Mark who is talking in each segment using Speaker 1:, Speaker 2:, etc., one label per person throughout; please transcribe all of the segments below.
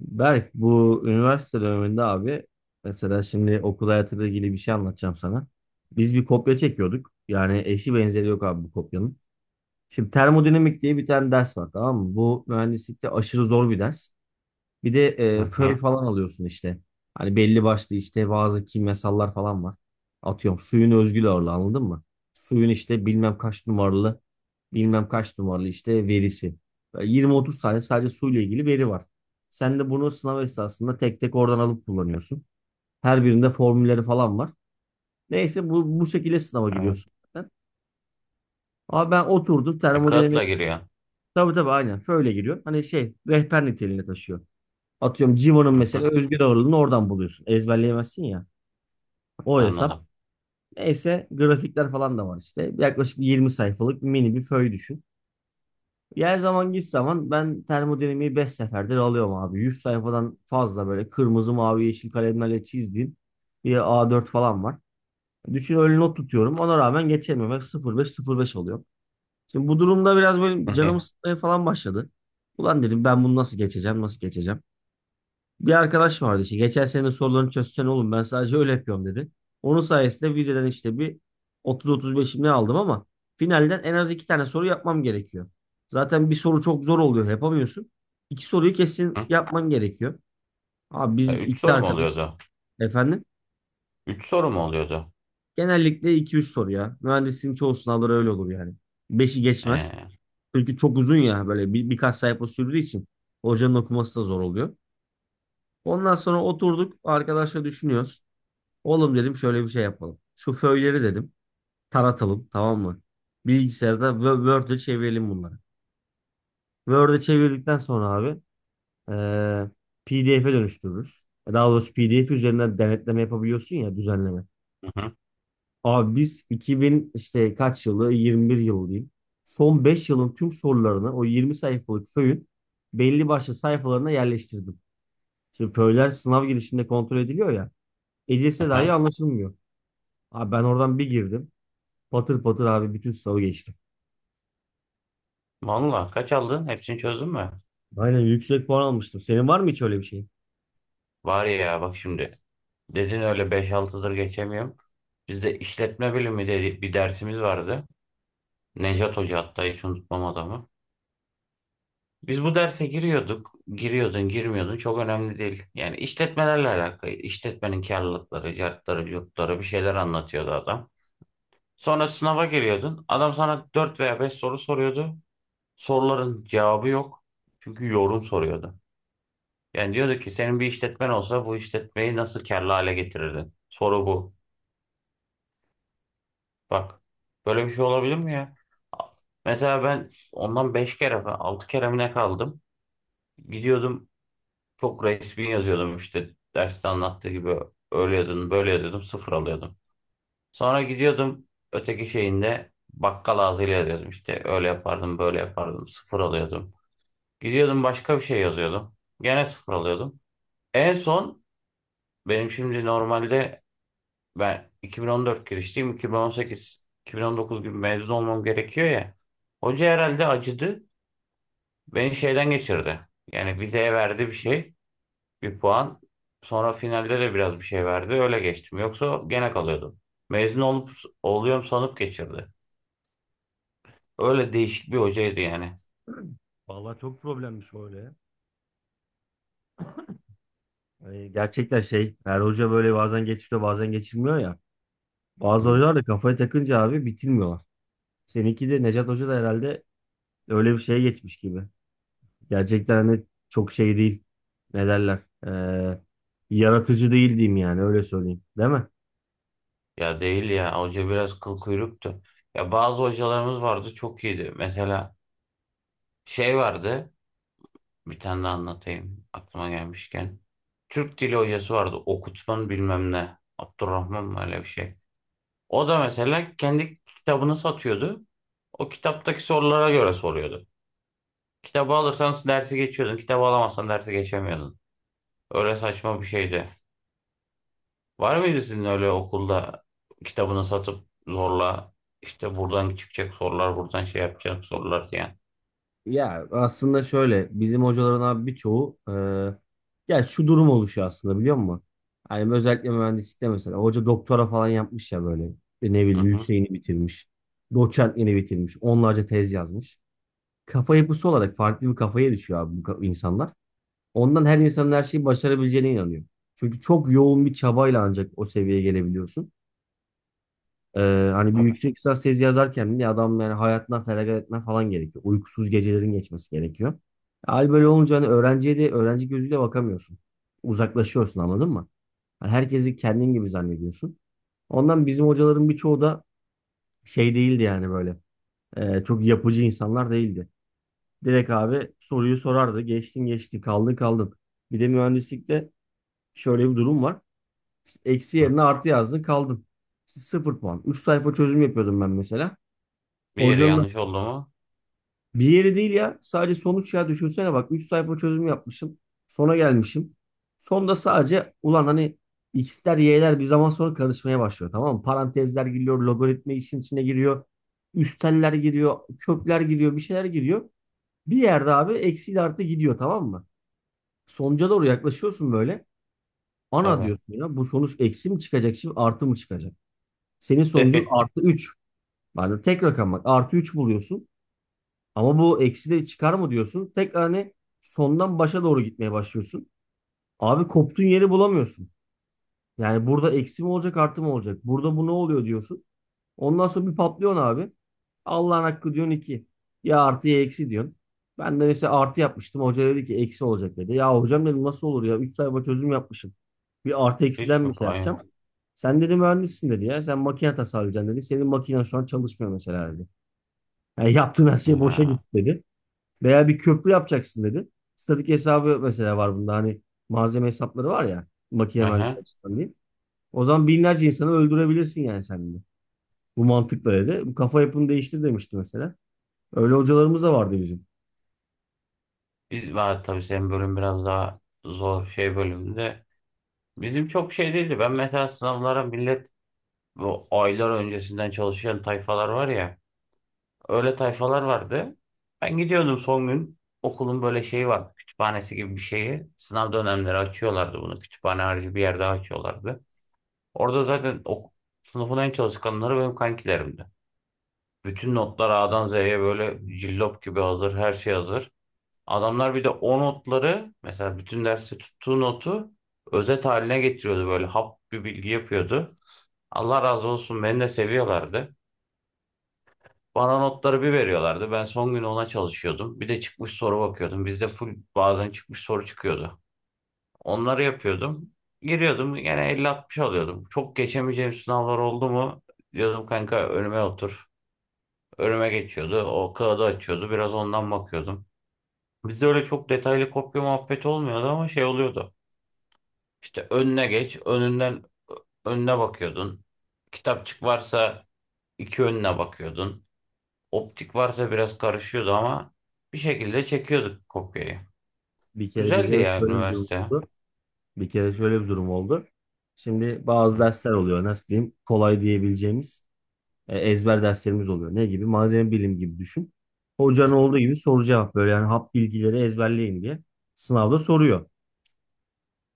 Speaker 1: Berk bu üniversite döneminde abi mesela şimdi okul hayatıyla ilgili bir şey anlatacağım sana. Biz bir kopya çekiyorduk. Yani eşi benzeri yok abi bu kopyanın. Şimdi termodinamik diye bir tane ders var, tamam mı? Bu mühendislikte aşırı zor bir ders. Bir de
Speaker 2: Hı
Speaker 1: föy
Speaker 2: hı.
Speaker 1: falan alıyorsun işte. Hani belli başlı işte bazı kimyasallar falan var. Atıyorum suyun özgül ağırlığı, anladın mı? Suyun işte bilmem kaç numaralı bilmem kaç numaralı işte verisi. Böyle 20-30 tane sadece suyla ilgili veri var. Sen de bunu sınav esnasında tek tek oradan alıp kullanıyorsun. Her birinde formülleri falan var. Neyse bu şekilde sınava
Speaker 2: Evet.
Speaker 1: giriyorsun zaten. Ama ben oturdum
Speaker 2: Kağıtla
Speaker 1: termodinamik.
Speaker 2: giriyor.
Speaker 1: Tabii tabii aynen. Föyle giriyor. Hani şey, rehber niteliğinde taşıyor. Atıyorum Civo'nun
Speaker 2: Hı hı.
Speaker 1: mesela özgür ağırlığını oradan buluyorsun. Ezberleyemezsin ya. O hesap.
Speaker 2: Anladım.
Speaker 1: Neyse grafikler falan da var işte. Yaklaşık 20 sayfalık mini bir föy düşün. Her zaman git zaman ben termodinamiği 5 seferdir alıyorum abi. 100 sayfadan fazla böyle kırmızı, mavi, yeşil kalemlerle çizdiğim bir A4 falan var. Düşün, öyle not tutuyorum. Ona rağmen geçemiyorum. Hep sıfır beş sıfır beş oluyor. Şimdi bu durumda biraz böyle canımı
Speaker 2: Hı.
Speaker 1: sıkmaya falan başladı. Ulan dedim ben bunu nasıl geçeceğim, nasıl geçeceğim? Bir arkadaş vardı işte. Geçen sene sorularını çözsen oğlum, ben sadece öyle yapıyorum dedi. Onun sayesinde vizeden işte bir 30-35'im ne aldım ama finalden en az iki tane soru yapmam gerekiyor. Zaten bir soru çok zor oluyor, yapamıyorsun. İki soruyu kesin yapman gerekiyor. Abi biz
Speaker 2: Üç
Speaker 1: iki
Speaker 2: soru mu
Speaker 1: arkadaş
Speaker 2: oluyordu?
Speaker 1: efendim
Speaker 2: Üç soru mu oluyordu?
Speaker 1: genellikle iki üç soru ya. Mühendisliğin çoğu sınavları öyle olur yani. Beşi geçmez.
Speaker 2: E,
Speaker 1: Çünkü çok uzun ya, böyle birkaç sayfa sürdüğü için hocanın okuması da zor oluyor. Ondan sonra oturduk arkadaşla düşünüyoruz. Oğlum dedim şöyle bir şey yapalım. Şu föyleri dedim taratalım, tamam mı? Bilgisayarda Word'e çevirelim bunları. Word'e çevirdikten sonra abi PDF'e dönüştürürüz. Daha doğrusu PDF üzerinden denetleme yapabiliyorsun ya, düzenleme.
Speaker 2: hı hı.
Speaker 1: Abi biz 2000 işte kaç yılı, 21 yılı diyeyim. Son 5 yılın tüm sorularını o 20 sayfalık föyün belli başlı sayfalarına yerleştirdim. Şimdi föyler sınav girişinde kontrol ediliyor ya. Edilse
Speaker 2: Hı
Speaker 1: dahi
Speaker 2: hı.
Speaker 1: anlaşılmıyor. Abi ben oradan bir girdim. Patır patır abi bütün sınavı geçtim.
Speaker 2: Vallahi kaç aldın? Hepsini çözdün mü?
Speaker 1: Aynen, yüksek puan almıştım. Senin var mı hiç öyle bir şeyin?
Speaker 2: Var ya bak şimdi. Dedin öyle beş 6'dır geçemiyorum. Bizde işletme bilimi dedi, bir dersimiz vardı. Nejat Hoca hatta hiç unutmam adamı. Biz bu derse giriyorduk. Giriyordun, girmiyordun. Çok önemli değil. Yani işletmelerle alakalı. İşletmenin karlılıkları, cartları, curtları bir şeyler anlatıyordu adam. Sonra sınava giriyordun. Adam sana 4 veya 5 soru soruyordu. Soruların cevabı yok. Çünkü yorum soruyordu. Yani diyordu ki senin bir işletmen olsa bu işletmeyi nasıl karlı hale getirirdin? Soru bu. Bak böyle bir şey olabilir mi ya? A- Mesela ben ondan 5 kere falan 6 kere mi ne kaldım? Gidiyordum, çok resmi yazıyordum işte derste anlattığı gibi, öyle yazıyordum böyle yazıyordum, sıfır alıyordum. Sonra gidiyordum öteki şeyinde bakkal ağzıyla yazıyordum, işte öyle yapardım böyle yapardım, sıfır alıyordum. Gidiyordum başka bir şey yazıyordum, gene sıfır alıyordum. En son benim şimdi normalde ben 2014 girişliyim, 2018 2019 gibi mezun olmam gerekiyor ya. Hoca herhalde acıdı, beni şeyden geçirdi. Yani vizeye verdi bir şey, bir puan, sonra finalde de biraz bir şey verdi, öyle geçtim, yoksa gene kalıyordum. Mezun olup oluyorum sanıp geçirdi. Öyle değişik bir hocaydı yani.
Speaker 1: Vallahi çok problemmiş o öyle ya. Hani gerçekten şey, her hoca böyle bazen geçiriyor bazen geçirmiyor ya. Bazı
Speaker 2: Hı.
Speaker 1: hocalar da kafaya takınca abi bitirmiyorlar. Seninki de Necat Hoca da herhalde öyle bir şeye geçmiş gibi. Gerçekten hani çok şey değil. Ne derler? Ee, Yaratıcı değil diyeyim yani, öyle söyleyeyim. Değil mi?
Speaker 2: Ya değil ya, hoca biraz kıl kuyruktu. Ya bazı hocalarımız vardı çok iyiydi. Mesela şey vardı, bir tane de anlatayım aklıma gelmişken. Türk dili hocası vardı, okutman bilmem ne. Abdurrahman mı öyle bir şey. O da mesela kendi kitabını satıyordu. O kitaptaki sorulara göre soruyordu. Kitabı alırsan dersi geçiyordun. Kitabı alamazsan dersi geçemiyordun. Öyle saçma bir şeydi. Var mıydı sizin öyle okulda, kitabını satıp zorla işte buradan çıkacak sorular, buradan şey yapacak sorular diyen?
Speaker 1: Ya aslında şöyle, bizim hocaların abi birçoğu ya şu durum oluşuyor aslında, biliyor musun? Hani özellikle mühendislikte mesela hoca doktora falan yapmış ya böyle. Ne
Speaker 2: Hı
Speaker 1: bileyim,
Speaker 2: hı.
Speaker 1: yükseğini bitirmiş. Doçentliğini bitirmiş. Onlarca tez yazmış. Kafa yapısı olarak farklı bir kafaya düşüyor abi bu insanlar. Ondan her insanın her şeyi başarabileceğine inanıyor. Çünkü çok yoğun bir çabayla ancak o seviyeye gelebiliyorsun. Ee, Hani bir
Speaker 2: Tabii.
Speaker 1: yüksek lisans tezi yazarken bile adam yani hayatından feragat etmen falan gerekiyor. Uykusuz gecelerin geçmesi gerekiyor. Hal böyle olunca hani öğrenciye de öğrenci gözüyle bakamıyorsun. Uzaklaşıyorsun, anladın mı? Hani herkesi kendin gibi zannediyorsun. Ondan bizim hocaların birçoğu da şey değildi yani böyle. Çok yapıcı insanlar değildi. Direkt abi soruyu sorardı. Geçtin geçtin, kaldın kaldın. Bir de mühendislikte şöyle bir durum var. Eksi
Speaker 2: Hı.
Speaker 1: yerine artı yazdın, kaldın. Sıfır puan. Üç sayfa çözüm yapıyordum ben mesela.
Speaker 2: Bir yere
Speaker 1: Hocanın
Speaker 2: yanlış oldu mu?
Speaker 1: bir yeri değil ya. Sadece sonuç ya, düşünsene bak, 3 sayfa çözüm yapmışım. Sona gelmişim. Sonda sadece ulan hani x'ler y'ler bir zaman sonra karışmaya başlıyor, tamam mı? Parantezler giriyor, logaritma işin içine giriyor. Üsteller giriyor, kökler giriyor, bir şeyler giriyor. Bir yerde abi eksiyle artı gidiyor, tamam mı? Sonuca doğru yaklaşıyorsun böyle. Ana
Speaker 2: Tabii.
Speaker 1: diyorsun ya, bu sonuç eksi mi çıkacak şimdi artı mı çıkacak? Senin sonucun artı üç. Yani tek rakam bak, artı 3 buluyorsun. Ama bu eksi de çıkar mı diyorsun. Tekrar hani sondan başa doğru gitmeye başlıyorsun. Abi koptuğun yeri bulamıyorsun. Yani burada eksi mi olacak artı mı olacak? Burada bu ne oluyor diyorsun. Ondan sonra bir patlıyorsun abi. Allah'ın hakkı diyorsun 2. Ya artı ya eksi diyorsun. Ben de mesela artı yapmıştım. Hoca dedi ki eksi olacak dedi. Ya hocam dedim, nasıl olur ya? Üç sayfa çözüm yapmışım. Bir artı
Speaker 2: Hiç
Speaker 1: eksiden bir
Speaker 2: mi
Speaker 1: şey
Speaker 2: payım?
Speaker 1: yapacağım. Sen dedi mühendissin dedi ya. Sen makine tasarlayacaksın dedi. Senin makinen şu an çalışmıyor mesela dedi. Yani yaptığın her şey boşa
Speaker 2: Ha.
Speaker 1: gitti dedi. Veya bir köprü yapacaksın dedi. Statik hesabı mesela var bunda. Hani malzeme hesapları var ya. Makine mühendisliği
Speaker 2: Hı.
Speaker 1: açısından diyeyim. O zaman binlerce insanı öldürebilirsin yani sen de. Bu mantıkla dedi. Bu kafa yapını değiştir demişti mesela. Öyle hocalarımız da vardı bizim.
Speaker 2: Biz var tabii, senin bölüm biraz daha zor şey bölümünde. Bizim çok şey değildi. Ben mesela sınavlara, millet bu aylar öncesinden çalışan tayfalar var ya. Öyle tayfalar vardı. Ben gidiyordum son gün. Okulun böyle şeyi vardı. Kütüphanesi gibi bir şeyi. Sınav dönemleri açıyorlardı bunu. Kütüphane harici bir yerde açıyorlardı. Orada zaten o sınıfın en çalışkanları benim kankilerimdi. Bütün notlar A'dan Z'ye böyle cillop gibi hazır. Her şey hazır. Adamlar bir de o notları, mesela bütün dersi tuttuğu notu özet haline getiriyordu, böyle hap bir bilgi yapıyordu. Allah razı olsun, beni de seviyorlardı. Bana notları bir veriyorlardı. Ben son gün ona çalışıyordum. Bir de çıkmış soru bakıyordum. Bizde full bazen çıkmış soru çıkıyordu. Onları yapıyordum. Giriyordum, gene 50 60 alıyordum. Çok geçemeyeceğim sınavlar oldu mu? Diyordum kanka önüme otur. Önüme geçiyordu. O kağıdı açıyordu. Biraz ondan bakıyordum. Bizde öyle çok detaylı kopya muhabbeti olmuyordu ama şey oluyordu. İşte önüne geç. Önünden önüne bakıyordun. Kitapçık varsa iki, önüne bakıyordun. Optik varsa biraz karışıyordu ama bir şekilde çekiyorduk kopyayı.
Speaker 1: Bir kere bize
Speaker 2: Güzeldi ya
Speaker 1: böyle bir durum
Speaker 2: üniversite.
Speaker 1: oldu. Bir kere şöyle bir durum oldu. Şimdi bazı
Speaker 2: Hı.
Speaker 1: dersler oluyor. Nasıl diyeyim? Kolay diyebileceğimiz ezber derslerimiz oluyor. Ne gibi? Malzeme bilim gibi düşün. Hocanın olduğu gibi soru cevap böyle yani hap bilgileri ezberleyin diye sınavda soruyor.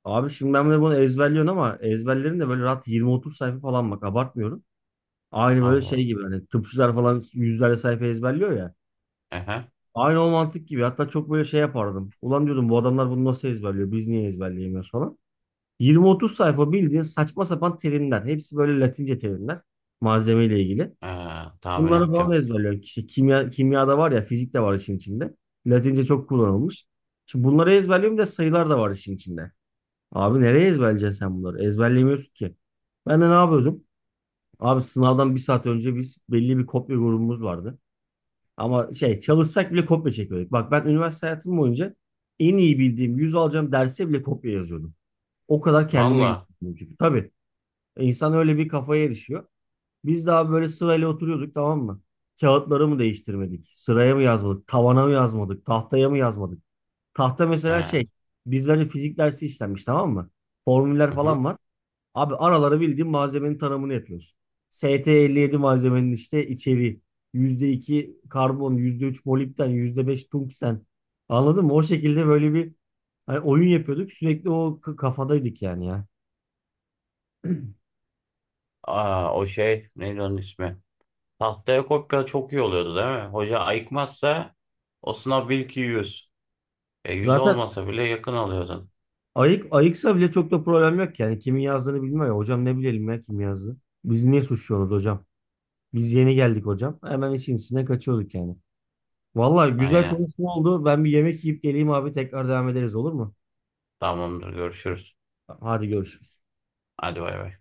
Speaker 1: Abi şimdi ben de bunu ezberliyorum ama ezberlerim de böyle rahat 20-30 sayfa falan, bak abartmıyorum. Aynı böyle
Speaker 2: Allah.
Speaker 1: şey gibi, hani tıpçılar falan yüzlerce sayfa ezberliyor ya.
Speaker 2: Ehe.
Speaker 1: Aynı o mantık gibi, hatta çok böyle şey yapardım. Ulan diyordum bu adamlar bunu nasıl ezberliyor, biz niye ezberleyemiyoruz falan. 20-30 sayfa bildiğin saçma sapan terimler. Hepsi böyle Latince terimler, malzemeyle ilgili.
Speaker 2: Ee, Tahmin
Speaker 1: Bunları falan
Speaker 2: ettim.
Speaker 1: ezberliyorum. İşte kimya, kimyada var ya, fizik de var işin içinde. Latince çok kullanılmış. Şimdi bunları ezberliyorum, bir de sayılar da var işin içinde. Abi nereye ezberleyeceksin sen bunları? Ezberleyemiyorsun ki. Ben de ne yapıyordum? Abi sınavdan bir saat önce biz, belli bir kopya grubumuz vardı. Ama şey, çalışsak bile kopya çekiyorduk. Bak ben üniversite hayatım boyunca en iyi bildiğim, 100 alacağım derse bile kopya yazıyordum. O kadar kendime
Speaker 2: Valla.
Speaker 1: güveniyordum çünkü. Tabii insan öyle bir kafaya erişiyor. Biz daha böyle sırayla oturuyorduk, tamam mı? Kağıtları mı değiştirmedik? Sıraya mı yazmadık? Tavana mı yazmadık? Tahtaya mı yazmadık? Tahta mesela
Speaker 2: Ee,
Speaker 1: şey, bizlere fizik dersi işlenmiş, tamam mı? Formüller
Speaker 2: hı
Speaker 1: falan
Speaker 2: hı.
Speaker 1: var. Abi aralara bildiğin malzemenin tanımını yapıyorsun. ST57 malzemenin işte içeriği: %2 karbon, %3 molibden, %5 tungsten. Anladın mı? O şekilde böyle bir hani oyun yapıyorduk. Sürekli o kafadaydık yani ya.
Speaker 2: Aa, o şey neydi onun ismi? Tahtaya kopya çok iyi oluyordu değil mi? Hoca ayıkmazsa o sınav bil ki 100. 100
Speaker 1: Zaten
Speaker 2: olmasa bile yakın alıyordun.
Speaker 1: ayık ayıksa bile çok da problem yok yani. Kimin yazdığını bilmiyor ya. Hocam ne bilelim ya kim yazdı. Biz niye suçluyoruz hocam? Biz yeni geldik hocam. Hemen işin içine kaçıyorduk yani. Vallahi güzel
Speaker 2: Aynen.
Speaker 1: konuşma oldu. Ben bir yemek yiyip geleyim abi. Tekrar devam ederiz, olur mu?
Speaker 2: Tamamdır görüşürüz.
Speaker 1: Hadi görüşürüz.
Speaker 2: Hadi bay bay.